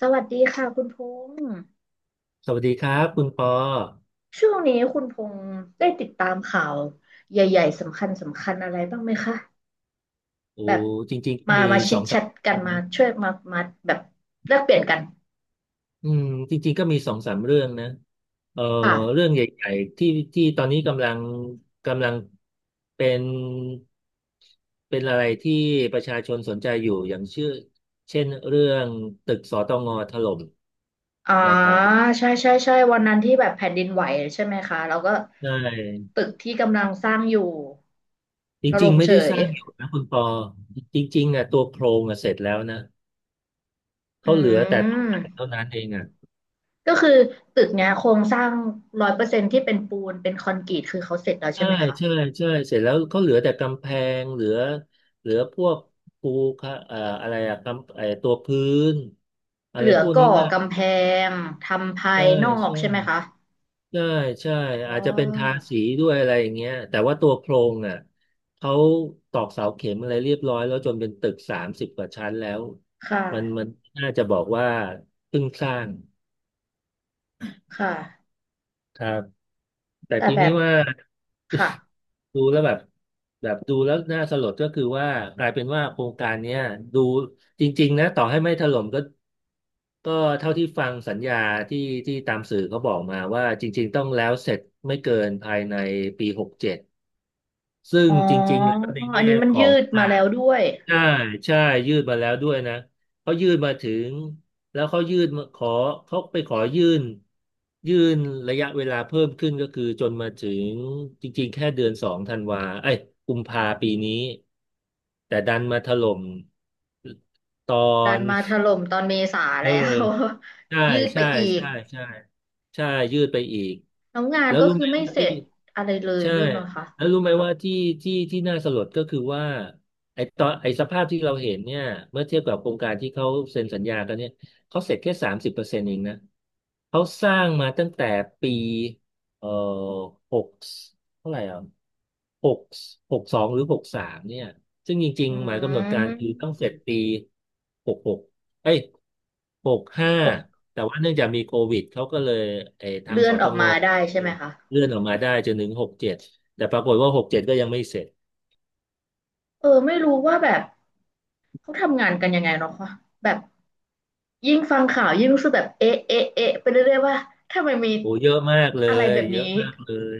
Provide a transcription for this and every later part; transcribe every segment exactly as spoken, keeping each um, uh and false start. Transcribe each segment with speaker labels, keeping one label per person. Speaker 1: สวัสดีค่ะคุณพงษ์
Speaker 2: สวัสดีครับคุณปอ
Speaker 1: ช่วงนี้คุณพงษ์ได้ติดตามข่าวใหญ่ๆสำคัญสำคัญอะไรบ้างไหมคะ
Speaker 2: โอ้
Speaker 1: แบบ
Speaker 2: จริง
Speaker 1: มา
Speaker 2: ๆมี
Speaker 1: มาชิ
Speaker 2: สอ
Speaker 1: ด
Speaker 2: ง
Speaker 1: แช
Speaker 2: สาม
Speaker 1: ทกัน
Speaker 2: เรื่อง
Speaker 1: มา
Speaker 2: นะ
Speaker 1: ช่วยมามาแบบแลกเปลี่ยนกัน
Speaker 2: อืมจริงๆก็มีสองสามเรื่องนะเอ่อ
Speaker 1: ค่ะ
Speaker 2: เรื่องใหญ่ๆที่ที่ตอนนี้กำลังกำลังเป็นเป็นอะไรที่ประชาชนสนใจอยู่อย่างเชื่อเช่นเรื่องตึกสตงถล่ม
Speaker 1: อ๋อ
Speaker 2: นะครับ
Speaker 1: ใช่ใช่ใช่วันนั้นที่แบบแผ่นดินไหวใช่ไหมคะแล้วก็
Speaker 2: ใช่
Speaker 1: ตึกที่กำลังสร้างอยู่
Speaker 2: จ
Speaker 1: ถ
Speaker 2: ริง
Speaker 1: ล่ม
Speaker 2: ๆไม่
Speaker 1: เฉ
Speaker 2: ได้ส
Speaker 1: ย
Speaker 2: ร้างอยู่นะคุณปอจริงๆอ่ะตัวโครงอ่ะเสร็จแล้วนะ
Speaker 1: อื
Speaker 2: เขาเหลือแต่ตก
Speaker 1: ม
Speaker 2: แต่งเท่านั้นเองอ่ะ
Speaker 1: ก็คือตึกเนี้ยโครงสร้างร้อยเปอร์เซ็นต์ที่เป็นปูนเป็นคอนกรีตคือเขาเสร็จแล้วใช่
Speaker 2: ใช่
Speaker 1: ไหม
Speaker 2: ใช่
Speaker 1: คะ
Speaker 2: ใช่เสร็จแล้วเขาเหลือแต่กำแพงเหลือเหลือพวกปูค่ะเอ่ออะไรอะกำไอตัวพื้นอะ
Speaker 1: เห
Speaker 2: ไร
Speaker 1: ลือ
Speaker 2: พวก
Speaker 1: ก่
Speaker 2: นี้
Speaker 1: อ
Speaker 2: มาก
Speaker 1: กำแพงทำภา
Speaker 2: ใช่
Speaker 1: ยนอ
Speaker 2: ใช
Speaker 1: กใช่ไหมคะ
Speaker 2: ่ใช่ใช่
Speaker 1: อ๋อ
Speaker 2: อาจจะเป็นทาสีด้วยอะไรอย่างเงี้ยแต่ว่าตัวโครงอ่ะเขาตอกเสาเข็มอะไรเรียบร้อยแล้วจนเป็นตึกสามสิบกว่าชั้นแล้ว
Speaker 1: ค่ะ
Speaker 2: มันมันน่าจะบอกว่าเพิ่งสร้าง
Speaker 1: ค่ะ
Speaker 2: ครับแต่
Speaker 1: แต่
Speaker 2: ที
Speaker 1: แบ
Speaker 2: นี้
Speaker 1: บ
Speaker 2: ว่า
Speaker 1: ค่ะ
Speaker 2: ดูแล้วแบบแบบดูแล้วน่าสลดก็คือว่ากลายเป็นว่าโครงการเนี้ยดูจริงๆนะต่อให้ไม่ถล่มก็ก็เท่าที่ฟังสัญญาที่ที่ตามสื่อเขาบอกมาว่าจริงๆต้องแล้วเสร็จไม่เกินภายในปีหกเจ็ดซึ่ง
Speaker 1: อ๋อ
Speaker 2: จริงๆแล้วใน
Speaker 1: อัน
Speaker 2: แง่
Speaker 1: นี้มัน
Speaker 2: ขอ
Speaker 1: ยื
Speaker 2: ง
Speaker 1: ดมา
Speaker 2: า
Speaker 1: แล้วด้วย
Speaker 2: ใช่ใช่ยื่นมาแล้วด้วยนะเขายื่นมาถึงแล้วเขายื่นมาขอเขาไปขอยื่นยื่นระยะเวลาเพิ่มขึ้นก็คือจนมาถึงจริงๆแค่เดือนสองธันวาเอ้ยกุมภาปีนี้แต่ดันมาถล่มตอ
Speaker 1: ดัน
Speaker 2: น
Speaker 1: มาถ ล่มตอนเมษา
Speaker 2: เอ
Speaker 1: แล้ว
Speaker 2: อ ใช่
Speaker 1: ยืดไป
Speaker 2: ใช่
Speaker 1: อีก
Speaker 2: ใช่ใช่ใช่ยืดไปอีก
Speaker 1: แล้วงาน
Speaker 2: แล้ว
Speaker 1: ก็
Speaker 2: รู้
Speaker 1: คื
Speaker 2: ไห
Speaker 1: อ
Speaker 2: ม
Speaker 1: ไม่
Speaker 2: ว่า
Speaker 1: เส
Speaker 2: ที่
Speaker 1: ร็จอะไรเลย
Speaker 2: ใช่
Speaker 1: ด้วยเนาะค่ะ
Speaker 2: แล้วรู้ไหมว่าที่ที่ที่น่าสลดก็คือว่าไอ้ตอนไอ้สภาพที่เราเห็นเนี่ยเมื่อเทียบกับโครงการที่เขาเซ็นสัญญากันเนี่ยเขาเสร็จแค่สามสิบเปอร์เซ็นต์เองนะเขาสร้างมาตั้งแต่ปีเอ่อหกเท่าไหร่อ่ะหกหกสองหรือหกสามเนี่ยซึ่งจริง
Speaker 1: อื
Speaker 2: ๆหมายกำหนดการคือต้องเสร็จ
Speaker 1: ม
Speaker 2: ปีหกหก เอ้ยหกห้า
Speaker 1: ปก
Speaker 2: แต่ว่าเนื่องจากมีโควิดเขาก็เลยไอ้ทาง
Speaker 1: เลื่อ
Speaker 2: ส
Speaker 1: นอ
Speaker 2: ต
Speaker 1: อก
Speaker 2: ง
Speaker 1: มาได้ใช่ไหมคะ
Speaker 2: เลื่อนออกมาได้จนถึงหกเจ็ดแต่ปรากฏว่าหกเจ็ดก็ยังไม่เสร็จ
Speaker 1: เออ ไม่รู้ว่าแบบ เขาทำงานกันยังไงเนาะคะแบบยิ่งฟังข่าวยิ่งรู้สึกแบบเอ๊ะเอ๊ะเอ๊ะไปเรื่อยๆว่าทำไมมี
Speaker 2: โอ้เยอะมากเล
Speaker 1: อะไร
Speaker 2: ย
Speaker 1: แบบ
Speaker 2: เย
Speaker 1: นี้
Speaker 2: อะมากเลย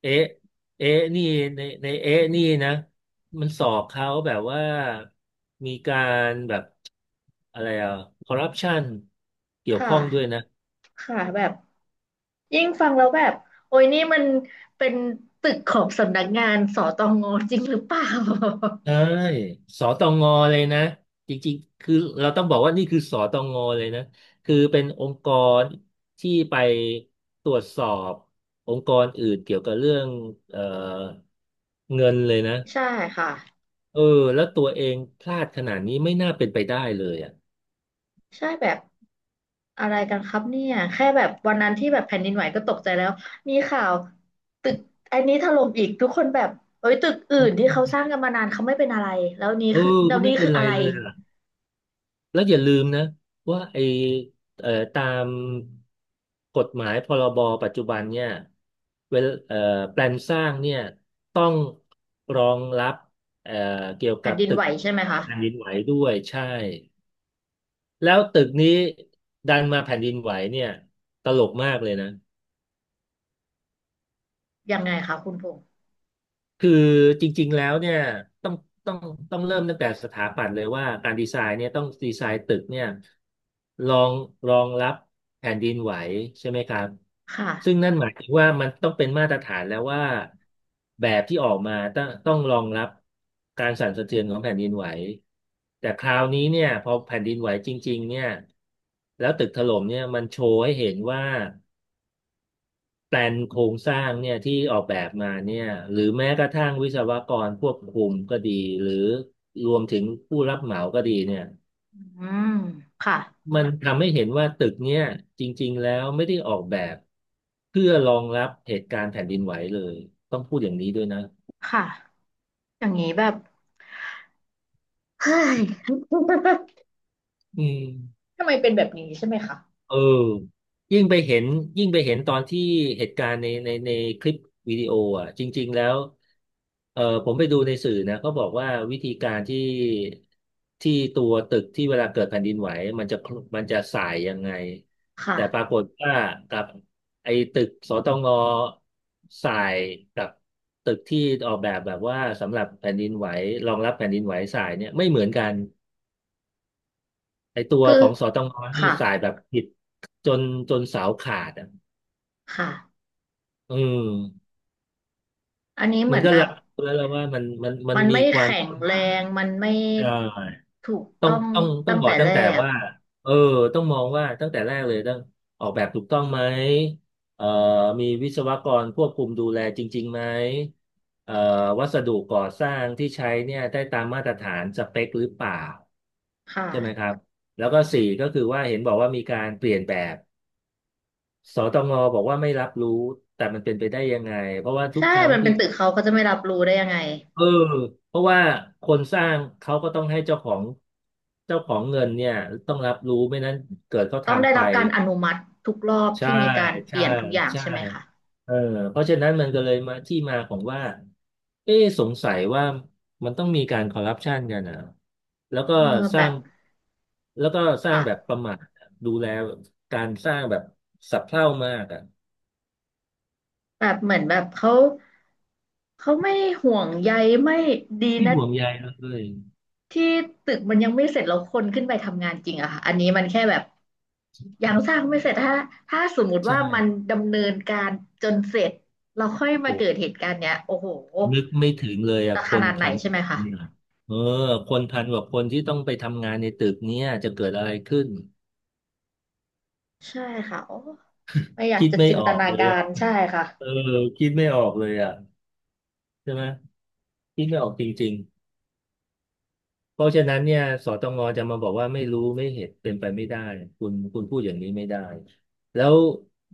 Speaker 2: เอ๊ะเอ๊ะนี่ในในเอ๊ะนี่นะมันสอบเขาแบบว่ามีการแบบอะไรอ่ะคอร์รัปชันเกี่ยว
Speaker 1: ค่ะ
Speaker 2: ข้องด้วยนะ
Speaker 1: ค่ะแบบยิ่งฟังแล้วแบบโอ้ยนี่มันเป็นตึกของสำนักงานส ต งจริงหรือเปล่า
Speaker 2: ใช่สตงเลยนะจริงๆคือเราต้องบอกว่านี่คือสตงเลยนะคือเป็นองค์กรที่ไปตรวจสอบองค์กรอื่นเกี่ยวกับเรื่องเอ่อเงินเลยนะ
Speaker 1: ใช่ค่ะ
Speaker 2: เออแล้วตัวเองพลาดขนาดนี้ไม่น่าเป็นไปได้เลยอ่ะ
Speaker 1: ใช่แบบ อะไรกันครับเนี่ยแค่แบบวันนั้นที่แบบแผ่นดินไหวก็ตกใจแล้วมีข่าวตึกอันนี้ถล่มอีกทุกคนแบบเอ้ยตึกอื่นที่เขาสร้างกันมานานเขาไม่เป็นอะไรแล้วนี้
Speaker 2: เออ
Speaker 1: คือแล้
Speaker 2: ก็
Speaker 1: ว
Speaker 2: ไม่
Speaker 1: นี้
Speaker 2: เป็
Speaker 1: คื
Speaker 2: น
Speaker 1: อ
Speaker 2: ไร
Speaker 1: อะไร
Speaker 2: เลย แล้วอย่าลืมนะว่าไอเอ่อตามกฎหมายพรบปัจจุบันเนี่ยเวลเอ่อแปลนสร้างเนี่ยต้องรองรับเอ่อเกี่ยว
Speaker 1: แผ่
Speaker 2: กั
Speaker 1: น
Speaker 2: บ
Speaker 1: ดิน
Speaker 2: ตึ
Speaker 1: ไหว
Speaker 2: ก
Speaker 1: ใช่ไหม
Speaker 2: เอ่อ
Speaker 1: คะ
Speaker 2: แผ่นดินไหวด้วยใช่แล้วตึกนี้ดันมาแผ่นดินไหวเนี่ยตลกมากเลยนะ
Speaker 1: ยังไงคะคุณพงษ์
Speaker 2: คือจริงๆแล้วเนี่ยต้องต้องต้องเริ่มตั้งแต่สถาปัตย์เลยว่าการดีไซน์เนี่ยต้องดีไซน์ตึกเนี่ยรองรองรับแผ่นดินไหวใช่ไหมครับ
Speaker 1: ค
Speaker 2: ซึ่ง
Speaker 1: ่ะ
Speaker 2: นั่นหมายถึงว่ามันต้องเป็นมาตรฐานแล้วว่าแบบที่ออกมาต้องต้องรองรับการสั่นสะเทือนของแผ่นดินไหวแต่คราวนี้เนี่ยพอแผ่นดินไหวจริงๆเนี่ยแล้วตึกถล่มเนี่ยมันโชว์ให้เห็นว่า แปลนโครงสร้างเนี่ยที่ออกแบบมาเนี่ยหรือแม้กระทั่งวิศวกรควบคุมก็ดีหรือรวมถึงผู้รับเหมาก็ดีเนี่ย
Speaker 1: อืมค่ะ
Speaker 2: มันทำให้เห็นว่าตึกเนี่ยจริงๆแล้วไม่ได้ออกแบบเพื่อรองรับเหตุการณ์แผ่นดินไหวเลยต้องพูดอย่างนี้ด้วยนะ
Speaker 1: ค่ะอย่างนี้แบบเฮ้ย
Speaker 2: อืม
Speaker 1: ทำไมเป็นแบบนี้ใช่ไหมคะ
Speaker 2: เออยิ่งไปเห็นยิ่งไปเห็นตอนที่เหตุการณ์ในในในคลิปวิดีโออ่ะจริงๆแล้วเออผมไปดูในสื่อนะเขาบอกว่าวิธีการที่ที่ตัวตึกที่เวลาเกิดแผ่นดินไหวมันจะมันจะส่ายยังไง
Speaker 1: ค่ะ
Speaker 2: แต่ปรากฏว่ากับไอ้ตึกสตงส่ายกับตึกที่ออกแบบแบบว่าสำหรับแผ่นดินไหวรองรับแผ่นดินไหวส่ายเนี่ยไม่เหมือนกัน ไอตัว
Speaker 1: คื
Speaker 2: ข
Speaker 1: อ
Speaker 2: องสตงนี่
Speaker 1: ค่ะ
Speaker 2: สายแบบผิดจนจนเสาขาดอ่ะ
Speaker 1: ค่ะ
Speaker 2: อืม
Speaker 1: อันนี้เห
Speaker 2: มั
Speaker 1: มื
Speaker 2: น
Speaker 1: อน
Speaker 2: ก็
Speaker 1: แบ
Speaker 2: รั
Speaker 1: บ
Speaker 2: บรู้แล้วว่ามันมันมัน
Speaker 1: มัน
Speaker 2: มี
Speaker 1: ไม่
Speaker 2: ความ
Speaker 1: แข็
Speaker 2: ป
Speaker 1: ง
Speaker 2: ระ
Speaker 1: แร
Speaker 2: มาท
Speaker 1: งมันไม่
Speaker 2: ใช่
Speaker 1: ถูก
Speaker 2: ต้อ
Speaker 1: ต้
Speaker 2: ง
Speaker 1: อง
Speaker 2: ต้องต้อ
Speaker 1: ตั้
Speaker 2: ง
Speaker 1: ง
Speaker 2: บอ
Speaker 1: แต่
Speaker 2: กตั้
Speaker 1: แร
Speaker 2: งแต่
Speaker 1: ก
Speaker 2: ว่าเออต้องมองว่าตั้งแต่แรกเลยต้องออกแบบถูกต้องไหมเอ่อมีวิศวกรควบคุมดูแลจริงๆไหมเอ่อวัสดุก่อสร้างที่ใช้เนี่ยได้ตามมาตรฐานสเปคหรือเปล่า
Speaker 1: ค
Speaker 2: ใช่ไหมค
Speaker 1: ่ะ
Speaker 2: รับแล้วก็สี่ก็คือว่าเห็นบอกว่ามีการเปลี่ยนแบบ สตงบอกว่าไม่รับรู้แต่มันเป็นไปได้ยังไงเพราะว่าทุก
Speaker 1: ใช่
Speaker 2: ครั้ง
Speaker 1: มันเป็
Speaker 2: ที่
Speaker 1: นตึกเขาเขาจะไม่รับรู้ได้ยังไง
Speaker 2: เออเพราะว่าคนสร้างเขาก็ต้องให้เจ้าของเจ้าของเงินเนี่ยต้องรับรู้ไม่นั้นเกิดเขา
Speaker 1: ต้องได้
Speaker 2: ทำไป
Speaker 1: รับการอนุมัติทุกรอบ
Speaker 2: ใช่
Speaker 1: ที่มีการเป
Speaker 2: ใช่
Speaker 1: ลี่ยนทุกอย่าง
Speaker 2: ใช่
Speaker 1: ใช่ไหมคะ
Speaker 2: เออเพราะฉะนั้นมันก็เลยมาที่มาของว่าเอ๊ะสงสัยว่ามันต้องมีการคอร์รัปชันกันนะแล้วก็
Speaker 1: เออ
Speaker 2: ส
Speaker 1: แบ
Speaker 2: ร้า
Speaker 1: บ
Speaker 2: งแล้วก็สร้าง
Speaker 1: ค่ะ
Speaker 2: แบบประมาทดูแลการสร้างแบบสับเท่ามากอ่ะ
Speaker 1: แบบเหมือนแบบเขาเขาไม่ห่วงใยไม่ดี
Speaker 2: ที่
Speaker 1: นะ
Speaker 2: ห่วงใยเลย
Speaker 1: ที่ตึกมันยังไม่เสร็จแล้วคนขึ้นไปทำงานจริงอะค่ะอันนี้มันแค่แบบ ยังสร้างไม่เสร็จถ้าถ้าสมมุติว่ามัน
Speaker 2: ใช่
Speaker 1: ดำเนินการจนเสร็จเราค่อยมาเกิด
Speaker 2: โอ้
Speaker 1: เหตุการณ์เนี้ยโอ้โห
Speaker 2: นึกไม่ถึงเลยอ่ะ
Speaker 1: จะ
Speaker 2: ค
Speaker 1: ข
Speaker 2: น
Speaker 1: นาดไหน
Speaker 2: พัน
Speaker 1: ใช่ไหม
Speaker 2: ค
Speaker 1: คะ
Speaker 2: นอ่ะเออคนพันกว่าคนที่ต้องไปทำงานในตึกเนี้ยจะเกิดอะไรขึ้น
Speaker 1: ใช่ค่ะโอ้ไม่อยาก
Speaker 2: คิด
Speaker 1: จะ
Speaker 2: ไม่
Speaker 1: จิน
Speaker 2: อ
Speaker 1: ต
Speaker 2: อก
Speaker 1: นา
Speaker 2: เลย
Speaker 1: กา
Speaker 2: อ่ะ
Speaker 1: รใช่ค่ะ
Speaker 2: เออคิดไม่ออกเลยอ่ะใช่ไหมคิดไม่ออกจริงๆเพราะฉะนั้นเนี่ยสตงจะมาบอกว่าไม่รู้ไม่เห็นเป็นไปไม่ได้คุณคุณพูดอย่างนี้ไม่ได้ แล้ว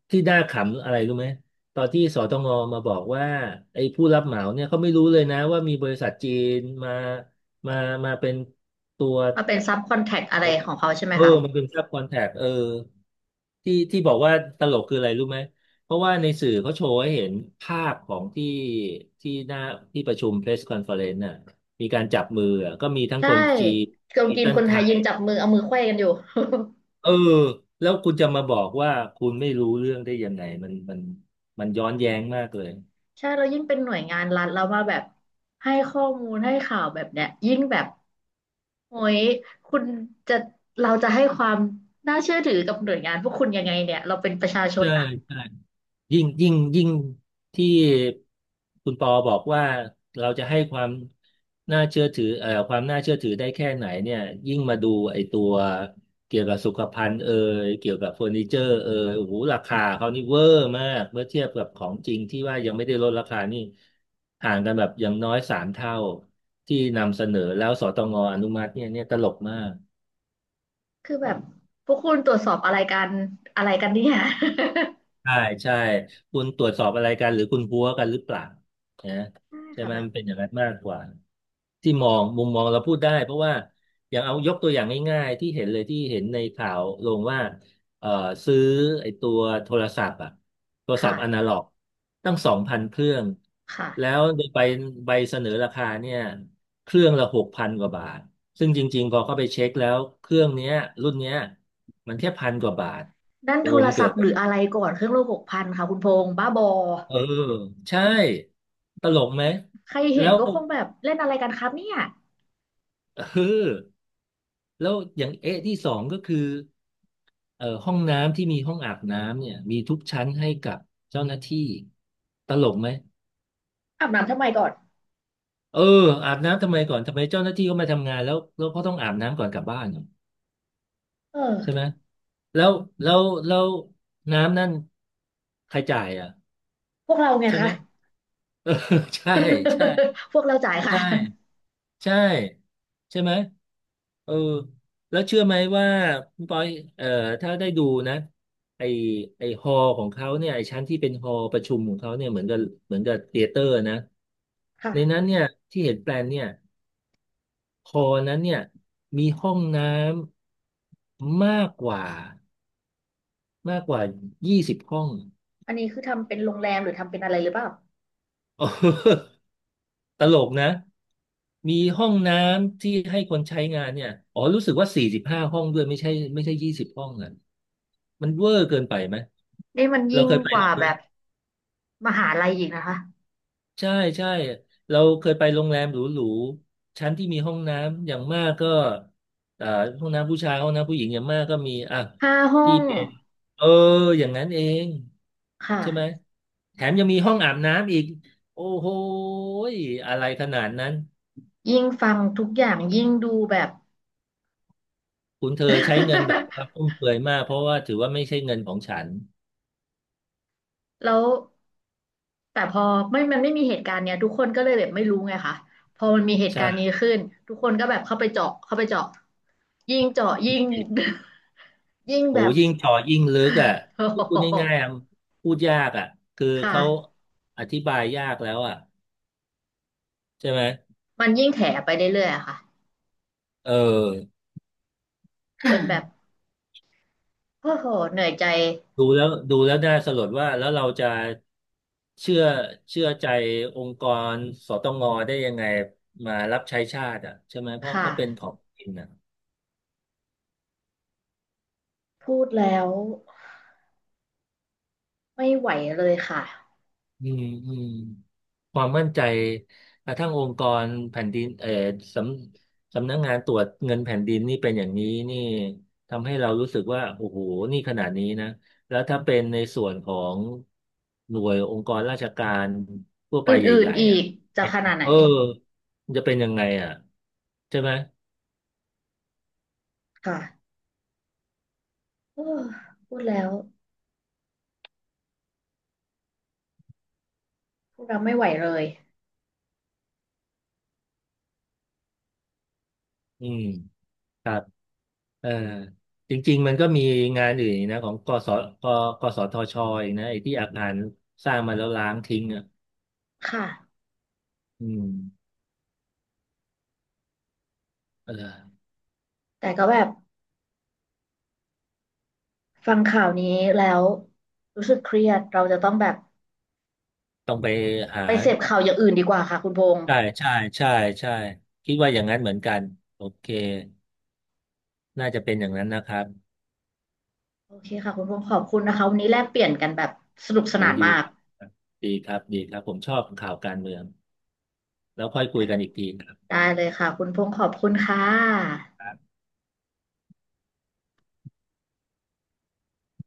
Speaker 2: ที่น่าขำอะไรรู้ไหมตอนที่สตงมาบอกว่าไอ้ผู้รับเหมาเนี่ยเขาไม่รู้เลยนะว่ามีบริษัทจีนมามามาเป็นตัว
Speaker 1: มาเป็นซับคอนแทคอะไร
Speaker 2: เอา
Speaker 1: ของเขาใช่ไหม
Speaker 2: เออ
Speaker 1: คะ
Speaker 2: มันเปืนซับคอนแทคเออที่ที่บอกว่าตลกคืออะไรรู้ไหมเพราะว่าในสื่อเขาโชว์ให้เห็นภาพของที่ที่หน้าที่ประชุม press conference น่ะมีการจับมืออะก็มีทั้ง
Speaker 1: ใช่
Speaker 2: คนจีน
Speaker 1: คน
Speaker 2: มี
Speaker 1: จีน
Speaker 2: ทั้
Speaker 1: ค
Speaker 2: ง
Speaker 1: น
Speaker 2: ไท
Speaker 1: ไทยยื
Speaker 2: ย
Speaker 1: นจับมือเอามือไขว้กันอยู่
Speaker 2: เออแล้วคุณจะมาบอกว่าคุณไม่รู้เรื่องได้ยังไงมันมันมันย้อนแย้งมากเลย
Speaker 1: ใช่เรายิ่งเป็นหน่วยงานรัฐแล้วมาแบบให้ข้อมูลให้ข่าวแบบเนี้ยยิ่งแบบโอ้ยคุณจะเราจะให้ความน่าเชื่อถือกับหน่วยงานพวกคุณยังไงเนี่ยเราเป็นประชาชน
Speaker 2: ใช่
Speaker 1: อะ
Speaker 2: ใช่ ยิ่งยิ่งยิ่งที่คุณปอบอกว่าเราจะให้ความน่าเชื่อถือเอ่อความน่าเชื่อถือได้แค่ไหนเนี่ยยิ่งมาดูไอ้ตัวเกี่ยวกับสุขภัณฑ์เอ่ยเกี่ยวกับเฟอร์นิเจอร์เอ่ยโอ้โหราคาเขานี่เวอร์มากเมื่อเทียบกับของจริงที่ว่ายังไม่ได้ลดราคานี่ห่างกันแบบอย่างน้อยสามเท่าที่นำเสนอแล้วสตงอนุมัติเนี่ยเนี่ยตลกมาก
Speaker 1: คือแบบพวกคุณตรวจสอบอะไรกันอะไรกันเนี่ย
Speaker 2: ใช่ใช่คุณตรวจสอบอะไรกันหรือคุณพัวกันหรือเปล่านะ
Speaker 1: ใช่
Speaker 2: ใช่
Speaker 1: ค่ะ
Speaker 2: ไหม
Speaker 1: แบบ
Speaker 2: มันเป็นอย่างนั้นมากกว่าที่มองมุมมองเราพูดได้เพราะว่าอย่างเอายกตัวอย่างง่ายๆที่เห็นเลยที่เห็นในข่าวลงว่าเอ่อซื้อไอ้ตัวโทรศัพท์อะโทร
Speaker 1: ค
Speaker 2: ศัพท์อนา
Speaker 1: ่ะ
Speaker 2: ล็อกตั้งสองพันเครื่องแล้
Speaker 1: ค่ะ
Speaker 2: วโดยไปใบเสนอราคาเนี่ยเครื่องละหกพันกว่าบาทซึ่งจริงๆพอเข้าไปเช็คแล้วเครื่องเนี้ยรุ่นเนี้ยมันแค่พันกว่าบาท
Speaker 1: นั่น
Speaker 2: โอ้
Speaker 1: โทร
Speaker 2: มัน
Speaker 1: ศั
Speaker 2: เกิ
Speaker 1: พ
Speaker 2: ด
Speaker 1: ท์หรืออะไรก่อนเครื่องโลหกพันค่ะคุณพงษ์บ้าบอ
Speaker 2: เออใช่ตลกไหม
Speaker 1: ใครเห็
Speaker 2: แล้
Speaker 1: น
Speaker 2: ว
Speaker 1: ก็คงแบบเล่นอะไรกันครับเนี่ย
Speaker 2: เออแล้วอย่างเอะที่สองก็คือเอ่อห้องน้ำที่มีห้องอาบน้ำเนี่ยมีทุกชั้นให้กับเจ้าหน้าที่ตลกไหม
Speaker 1: อาบน้ำทำไมก่อน
Speaker 2: เอออาบน้ำทำไมก่อนทำไมเจ้าหน้าที่เขามาทำงานแล้วแล้วเขาต้องอาบน้ำก่อนกลับบ้านเหรอ
Speaker 1: เอ
Speaker 2: ใช่ไห
Speaker 1: อ
Speaker 2: มแล้วแล้วแล้วน้ำนั่นใครจ่ายอ่ะ
Speaker 1: พวกเราไง
Speaker 2: ใช่ไห
Speaker 1: คะ
Speaker 2: มเออ ใช่ใช่
Speaker 1: พวกเราจ่ายค่ะ
Speaker 2: ใช่ ใช่ใช่ไหมเออแล้วเชื่อไหมว่าคุณปอยเอ่อถ้าได้ดูนะไอไอฮอลของเขาเนี่ยไอชั้นที่เป็นฮอลประชุมของเขาเนี่ยเหมือนกับเหมือนกับเธียเตอร์นะในนั้
Speaker 1: ค่ะ
Speaker 2: นเนี่ยที่เห็นแปลนเนี่ยฮอลนั้นเนี่ยมีห้องน้ำมากกว่ามากกว่ายี่สิบห้อง
Speaker 1: อันนี้คือทำเป็นโรงแรมหรือทำเป็นอะไรหรือเปล่า
Speaker 2: ตลกนะมีห้องน้ำที่ให้คนใช้งานเนี่ยอ๋อรู้สึกว่าสี่สิบห้าห้องด้วยไม่ใช่ไม่ใช่ยี่สิบห้องอ่ะมันเวอร์เกินไปไหม
Speaker 1: นี่มัน
Speaker 2: เรา
Speaker 1: ยิ่ง
Speaker 2: เคยไป
Speaker 1: ก
Speaker 2: โร
Speaker 1: ว่า
Speaker 2: งแร
Speaker 1: แบ
Speaker 2: ม
Speaker 1: บมหาลัยอีกนะคะ
Speaker 2: ใช่ใช่เราเคยไปโรงแรมหรูๆชั้นที่มีห้องน้ำอย่างมากก็อ่าห้องน้ำผู้ชายห้องน้ำผู้หญิงอย่างมากก็มีอ่ะ
Speaker 1: ห้าห้อ
Speaker 2: ที่
Speaker 1: ง
Speaker 2: เป็นเอออย่างนั้นเอง
Speaker 1: ค่ะ
Speaker 2: ใช่ไหมแถมยังมีห้องอาบน้ำอีกโอ้โหยอะไรขนาดนั้น
Speaker 1: ยิ่งฟังทุกอย่างยิ่งดูแบบ
Speaker 2: คุณเธอใช้เงินแบบว่า ฟุ่มเฟือยมากเพราะว่าถือว่าไม่ใช่เงินของฉัน
Speaker 1: แล้วแต่พอไม่มันไม่มีเหตุการณ์เนี้ยทุกคนก็เลยแบบไม่รู้ไงคะพอมันมีเหตุการณ์นี้
Speaker 2: ใช่
Speaker 1: ขึ้นทุกคนก็แบบเข้าไปเจาะเข้าไปเจาะยิ่งเจาะยิ่ง ยิ่ง
Speaker 2: โอ้
Speaker 1: แบบ
Speaker 2: ยิ่งเจ่อยิ่งลึกอ่ะ
Speaker 1: โอ้
Speaker 2: พูด
Speaker 1: โห
Speaker 2: ง่ายๆอะพูดยากอ่ะคือ
Speaker 1: ค
Speaker 2: เขา
Speaker 1: ่ะ
Speaker 2: อธิบายยากแล้วอ่ะใช่ไหม
Speaker 1: มันยิ่งแถไปเรื่อยๆอะค่ะ
Speaker 2: เออ
Speaker 1: จนแบบ
Speaker 2: ค่ะ
Speaker 1: โอ้โหเหนื่อยใจ
Speaker 2: ดูแล้วดูแล้วน่าสลดว่าแล้วเราจะเชื่อเชื่อใจองค์กรสตงได้ยังไงมารับใช้ชาติอ่ะใช่ไหมเพราะ
Speaker 1: ค่ะ
Speaker 2: เขาเป็นของจริงอ่ะ
Speaker 1: พูดแล้วไม่ไหวเลยค่ะ
Speaker 2: อืมอืมความมั่นใจกระทั่งองค์กรแผ่นดินเอ่อสำสำนักงานตรวจเงินแผ่นดินนี่เป็นอย่างนี้นี่ทำให้เรารู้สึกว่าโอ้โหนี่ขนาดนี้นะแล้วถ้าเป็นในส่วนของหน่วยองค์กรราชการทั่ว
Speaker 1: อ
Speaker 2: ไป
Speaker 1: ื่
Speaker 2: ให
Speaker 1: น
Speaker 2: ญ่
Speaker 1: ๆอี
Speaker 2: ๆอ่ะ
Speaker 1: กจะขนาดไหน
Speaker 2: เออมันจะเป็นยังไงอ่ะใช่ไหม
Speaker 1: ค่ะเออพูดแล้วพูดแล้วไม่ไหวเลย
Speaker 2: อืมครับเออจริงๆมันก็มีงานอื่นอีกนะของกสกกอ สอ ทอ ชออีกนะไอ้ที่อาคารสร้างมาแล้วล้างทิ้งอ่ะ
Speaker 1: ค่ะ
Speaker 2: อืม เออ
Speaker 1: แต่ก็แบบฟังข่าวนี้แล้วรู้สึกเครียดเราจะต้องแบบ
Speaker 2: ต้องไปหา
Speaker 1: ไปเสพข่าวอย่างอื่นดีกว่าค่ะคุณพงษ์
Speaker 2: ใช่ใช่ใช่ใช่คิดว่าอย่างนั้นเหมือนกันโอเคน่าจะเป็นอย่างนั้นนะครับ
Speaker 1: โอเคค่ะคุณพงษ์ขอบคุณนะคะวันนี้แลกเปลี่ยนกันแบบสนุกส
Speaker 2: โห
Speaker 1: นาน
Speaker 2: ดี
Speaker 1: มาก
Speaker 2: ครับดีครับดีครับผมชอบข่าวการเมืองแล้วค่อยคุย
Speaker 1: อ่ะ
Speaker 2: กันอีกทีครับ
Speaker 1: ได้เลยค่ะคุณพงษ์ขอบคุณค่ะ